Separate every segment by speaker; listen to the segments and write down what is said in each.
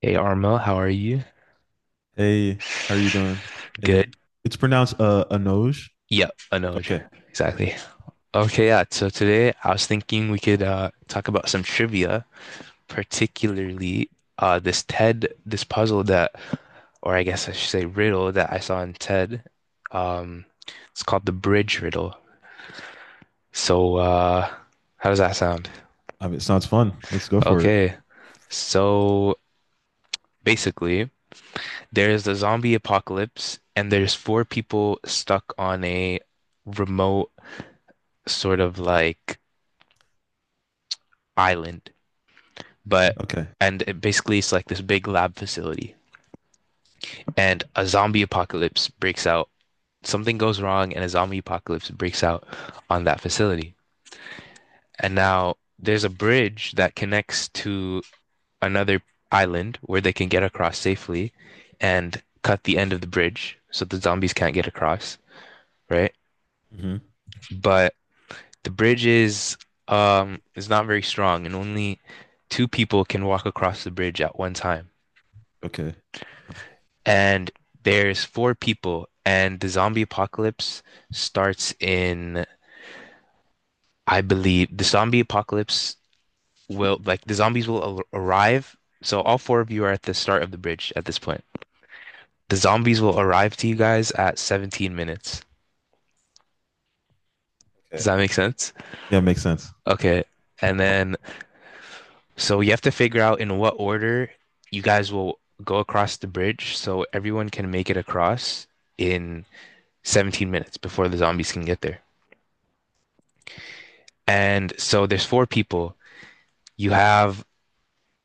Speaker 1: Hey Arma, how are you?
Speaker 2: Hey, how are you doing? And
Speaker 1: Good.
Speaker 2: it's pronounced Anoj.
Speaker 1: Yep, I know. It.
Speaker 2: Okay.
Speaker 1: Exactly. Okay, yeah. So today I was thinking we could talk about some trivia, particularly, this TED, this puzzle that, or I guess I should say riddle, that I saw in TED. Um it's called the bridge riddle. So, how does that sound?
Speaker 2: I mean, it sounds fun. Let's go for it.
Speaker 1: Okay. So basically, there's a zombie apocalypse, and there's four people stuck on a remote, sort of like, island. But
Speaker 2: Okay.
Speaker 1: And it, basically, it's like this big lab facility, and a zombie apocalypse breaks out. Something goes wrong, and a zombie apocalypse breaks out on that facility. And now there's a bridge that connects to another island where they can get across safely and cut the end of the bridge so the zombies can't get across, right?
Speaker 2: Hmm.
Speaker 1: But the bridge is not very strong, and only two people can walk across the bridge at one time.
Speaker 2: Okay.
Speaker 1: And there's four people, and the zombie apocalypse starts in, I believe the zombie apocalypse will like, the zombies will arrive. So all four of you are at the start of the bridge at this point. The zombies will arrive to you guys at 17 minutes. Does
Speaker 2: Okay.
Speaker 1: that make sense?
Speaker 2: Yeah, makes sense.
Speaker 1: Okay. And then, so you have to figure out in what order you guys will go across the bridge so everyone can make it across in 17 minutes before the zombies can get there. And so there's four people. You have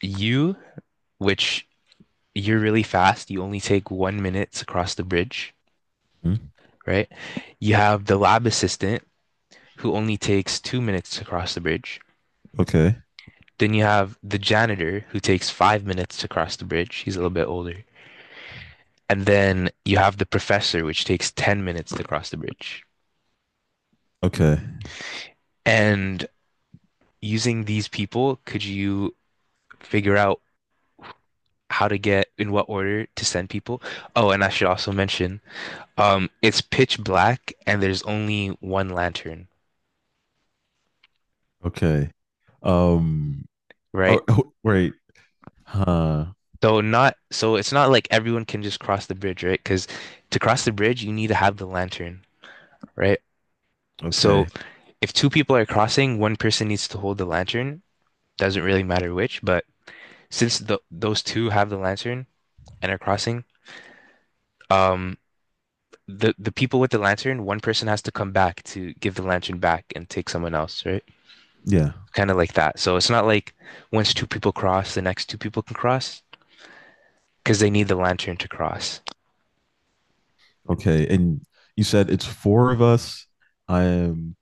Speaker 1: you, which, you're really fast. You only take 1 minute across the bridge,
Speaker 2: Mhm.
Speaker 1: right? You have the lab assistant, who only takes 2 minutes to cross the bridge.
Speaker 2: Okay.
Speaker 1: Then you have the janitor, who takes 5 minutes to cross the bridge. He's a little bit older. And then you have the professor, which takes 10 minutes to cross the bridge.
Speaker 2: Okay.
Speaker 1: And using these people, could you figure out how to get, in what order to send people? Oh, and I should also mention, it's pitch black and there's only one lantern,
Speaker 2: Okay. Um.
Speaker 1: right?
Speaker 2: Oh, oh, wait. Huh.
Speaker 1: So it's not like everyone can just cross the bridge, right? Because to cross the bridge, you need to have the lantern, right? So
Speaker 2: Okay.
Speaker 1: if two people are crossing, one person needs to hold the lantern. Doesn't really matter which, but since those two have the lantern and are crossing, um, the people with the lantern, one person has to come back to give the lantern back and take someone else, right?
Speaker 2: Yeah.
Speaker 1: Kind of like that. So it's not like once two people cross, the next two people can cross because they need the lantern to cross.
Speaker 2: Okay. And you said it's four of us. I am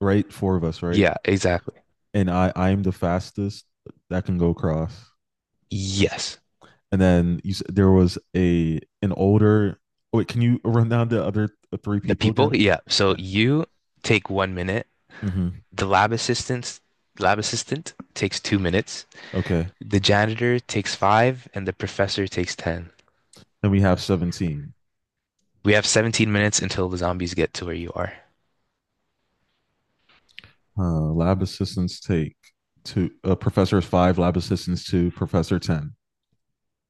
Speaker 2: right. Four of us, right?
Speaker 1: Yeah, exactly.
Speaker 2: And I am the fastest that can go across.
Speaker 1: Yes.
Speaker 2: And then you, there was a an older. Wait, can you run down the other three
Speaker 1: The
Speaker 2: people
Speaker 1: people,
Speaker 2: again?
Speaker 1: yeah. So
Speaker 2: Yeah.
Speaker 1: you take 1 minute.
Speaker 2: Mm-hmm.
Speaker 1: The lab assistant takes 2 minutes.
Speaker 2: Okay.
Speaker 1: The janitor takes five, and the professor takes ten.
Speaker 2: Then we have 17.
Speaker 1: We have 17 minutes until the zombies get to where you are.
Speaker 2: Lab assistants take two. Professor is five. Lab assistants two. Professor ten.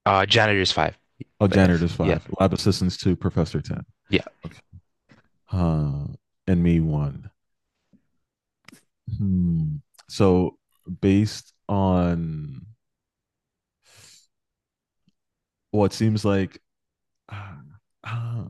Speaker 1: Janitor's five.
Speaker 2: Oh,
Speaker 1: But
Speaker 2: janitor
Speaker 1: yes.
Speaker 2: is
Speaker 1: Yeah,
Speaker 2: five. Lab assistants two. Professor ten.
Speaker 1: yeah,
Speaker 2: Okay. Uh, and me one. Hmm. So based on what, well, seems like, ah, ah,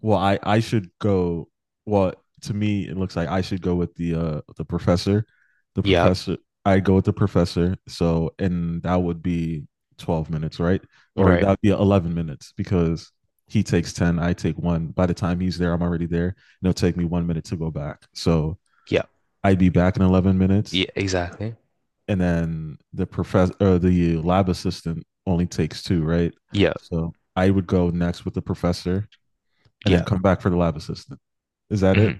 Speaker 2: well, I should go. Well, to me, it looks like I should go with the uh the professor, the
Speaker 1: yeah.
Speaker 2: professor. I go with the professor. So, and that would be 12 minutes, right? Or
Speaker 1: Right.
Speaker 2: that would be 11 minutes because he takes 10, I take one. By the time he's there, I'm already there. And it'll take me 1 minute to go back. So
Speaker 1: Yeah,
Speaker 2: I'd be back in 11 minutes,
Speaker 1: yeah. Exactly.
Speaker 2: and then the professor, the lab assistant only takes two, right?
Speaker 1: Yeah,
Speaker 2: So I would go next with the professor, and then
Speaker 1: yeah.
Speaker 2: come back for the lab assistant. Is that it?
Speaker 1: hmm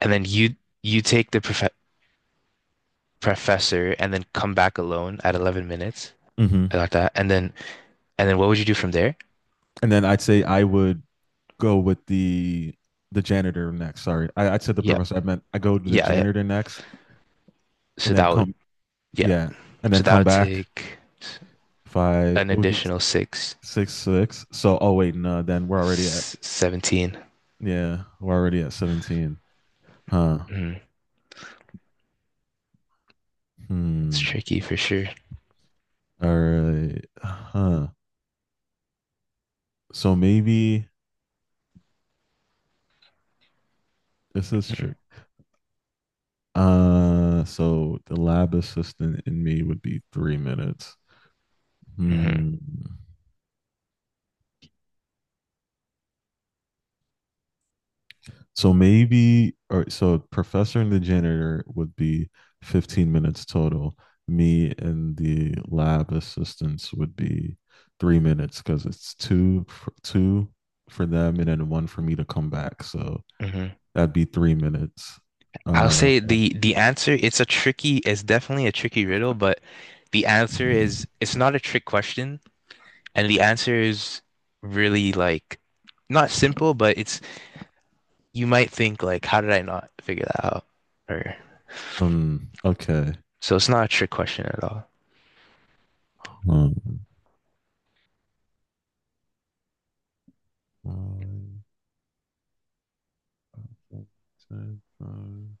Speaker 1: And then, you take the professor and then come back alone at 11 minutes.
Speaker 2: Mm-hmm.
Speaker 1: I got that. and then what would you do from there?
Speaker 2: And then I'd say I would go with the janitor next. Sorry, I said the
Speaker 1: Yeah,
Speaker 2: professor. I meant I go to the
Speaker 1: yeah, yeah.
Speaker 2: janitor next,
Speaker 1: So
Speaker 2: and then
Speaker 1: that would,
Speaker 2: come.
Speaker 1: yeah.
Speaker 2: Yeah, and then
Speaker 1: So that
Speaker 2: come
Speaker 1: would
Speaker 2: back.
Speaker 1: take
Speaker 2: If I
Speaker 1: an
Speaker 2: It would be
Speaker 1: additional six.
Speaker 2: six. So, oh wait, no. Then we're already at
Speaker 1: 17.
Speaker 2: yeah, we're already at 17. Huh.
Speaker 1: Mhm. It's
Speaker 2: Hmm.
Speaker 1: tricky for sure.
Speaker 2: All right. Huh. So maybe this is
Speaker 1: Mhm,
Speaker 2: trick. So the lab assistant in me would be 3 minutes.
Speaker 1: mhm.
Speaker 2: Hmm. So maybe, or so professor and the janitor would be 15 minutes total. Me and the lab assistants would be 3 minutes because it's two for them and then one for me to come back. So
Speaker 1: hmm
Speaker 2: that'd be 3 minutes.
Speaker 1: I'll
Speaker 2: Uh,
Speaker 1: say the answer, it's definitely a tricky riddle, but the answer is,
Speaker 2: five-
Speaker 1: it's not a trick question, and the answer is, really, like, not simple, but it's you might think, like, how did I not figure that out? Or
Speaker 2: okay.
Speaker 1: So it's not a trick question at all.
Speaker 2: Um, Five, ten, five.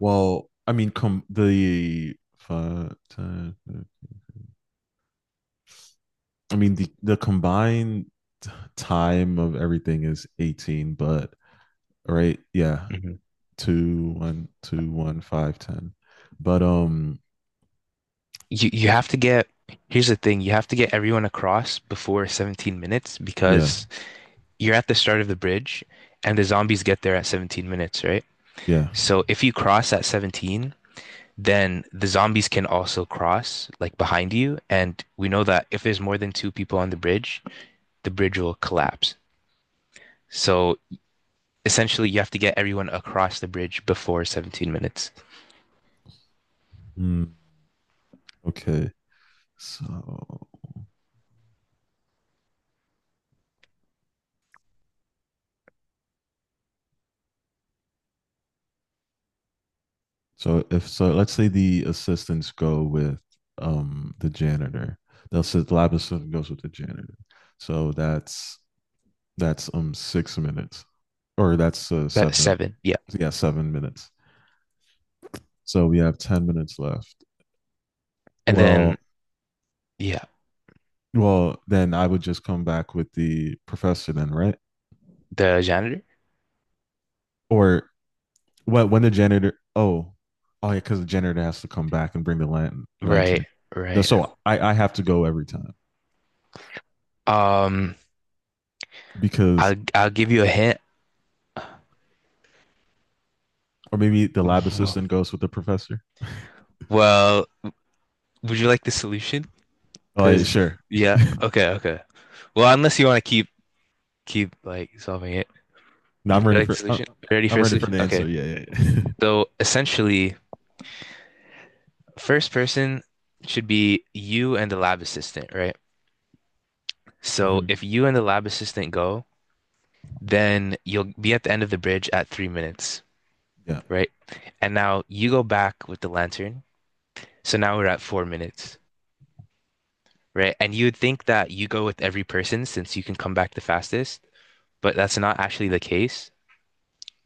Speaker 2: Well, I mean, come the five, ten, five. I mean, the combined time of everything is 18, but right, yeah,
Speaker 1: hmm
Speaker 2: two, one, two, one, five, ten. But
Speaker 1: you have to get, here's the thing, you have to get everyone across before 17 minutes
Speaker 2: yeah,
Speaker 1: because you're at the start of the bridge and the zombies get there at 17 minutes, right?
Speaker 2: yeah.
Speaker 1: So if you cross at 17, then the zombies can also cross, like, behind you. And we know that if there's more than two people on the bridge will collapse. So essentially, you have to get everyone across the bridge before 17 minutes.
Speaker 2: Mm, okay, so so if so, let's say the assistants go with the janitor. They'll say the lab assistant goes with the janitor. So that's 6 minutes, or that's
Speaker 1: That's
Speaker 2: seven.
Speaker 1: seven. Yeah.
Speaker 2: Yeah, 7 minutes. So we have 10 minutes left.
Speaker 1: And
Speaker 2: Well,
Speaker 1: then, yeah,
Speaker 2: Well, then I would just come back with the professor then, right?
Speaker 1: the janitor.
Speaker 2: Or what when the janitor, oh, oh yeah, because the janitor has to come back and bring the
Speaker 1: Right,
Speaker 2: lantern. No,
Speaker 1: right.
Speaker 2: so I have to go every time
Speaker 1: Um,
Speaker 2: because
Speaker 1: I'll give you a hint.
Speaker 2: or maybe the lab assistant goes with the professor.
Speaker 1: Well, would you like the solution?
Speaker 2: Oh yeah,
Speaker 1: Cause
Speaker 2: sure.
Speaker 1: yeah, okay, okay. Well, unless you want to keep like solving it.
Speaker 2: Now
Speaker 1: Do
Speaker 2: I'm
Speaker 1: you
Speaker 2: ready
Speaker 1: like the
Speaker 2: for I'm,
Speaker 1: solution? Ready for
Speaker 2: I'm
Speaker 1: a
Speaker 2: ready for
Speaker 1: solution?
Speaker 2: the answer.
Speaker 1: Okay.
Speaker 2: Yeah, yeah, yeah.
Speaker 1: So essentially, first person should be you and the lab assistant, right? So
Speaker 2: hmm
Speaker 1: if you and the lab assistant go, then you'll be at the end of the bridge at 3 minutes,
Speaker 2: Yeah.
Speaker 1: right? And now you go back with the lantern. So now we're at 4 minutes, right? And you would think that you go with every person since you can come back the fastest, but that's not actually the case.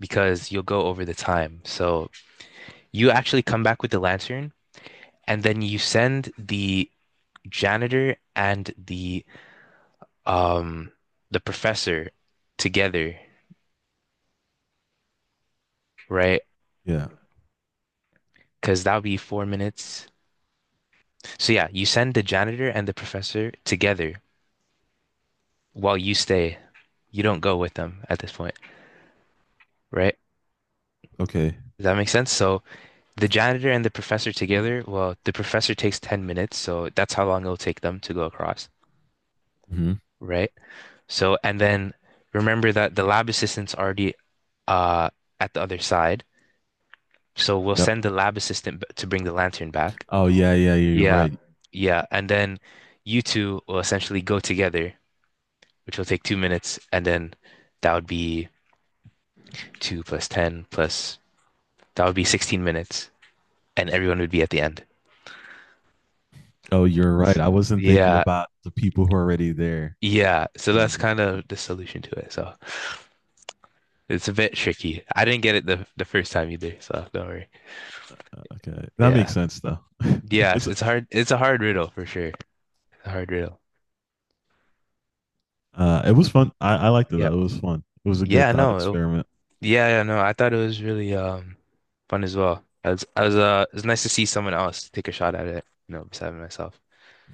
Speaker 1: Because you'll go over the time. So you actually come back with the lantern, and then you send the janitor and um the professor together, right?
Speaker 2: Yeah.
Speaker 1: Because that'll be 4 minutes. So yeah, you send the janitor and the professor together while you stay. You don't go with them at this point, right?
Speaker 2: Okay.
Speaker 1: Does that make sense? So the janitor and the professor together, well, the professor takes 10 minutes, so that's how long it'll take them to go across,
Speaker 2: hmm
Speaker 1: right? So, and then, remember that the lab assistant's already uh at the other side. So we'll
Speaker 2: Yep.
Speaker 1: send the lab assistant to bring the lantern back.
Speaker 2: Oh yeah, yeah, yeah, you're
Speaker 1: Yeah,
Speaker 2: right.
Speaker 1: yeah. And then you two will essentially go together, which will take 2 minutes, and then that would be two plus ten plus, that would be 16 minutes, and everyone would be at the end.
Speaker 2: Oh, you're right.
Speaker 1: S-
Speaker 2: I wasn't thinking
Speaker 1: yeah,
Speaker 2: about the people who are already there.
Speaker 1: yeah. So that's
Speaker 2: Mm,
Speaker 1: kind of the solution to it. So it's a bit tricky. I didn't get it the first time either, so don't worry.
Speaker 2: Okay, that makes
Speaker 1: Yeah.
Speaker 2: sense though.
Speaker 1: Yes,
Speaker 2: it's
Speaker 1: it's hard. It's a hard riddle for sure. A hard riddle.
Speaker 2: it was fun. I liked it
Speaker 1: Yeah.
Speaker 2: though. It was fun. It was a good
Speaker 1: Yeah,
Speaker 2: thought
Speaker 1: no. It,
Speaker 2: experiment
Speaker 1: yeah, yeah, no. I thought it was really fun as well. I was It was nice to see someone else take a shot at it, besides myself.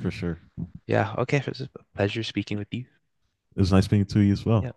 Speaker 2: for sure.
Speaker 1: Yeah, okay. It was a pleasure speaking with you.
Speaker 2: It was nice being to you as well.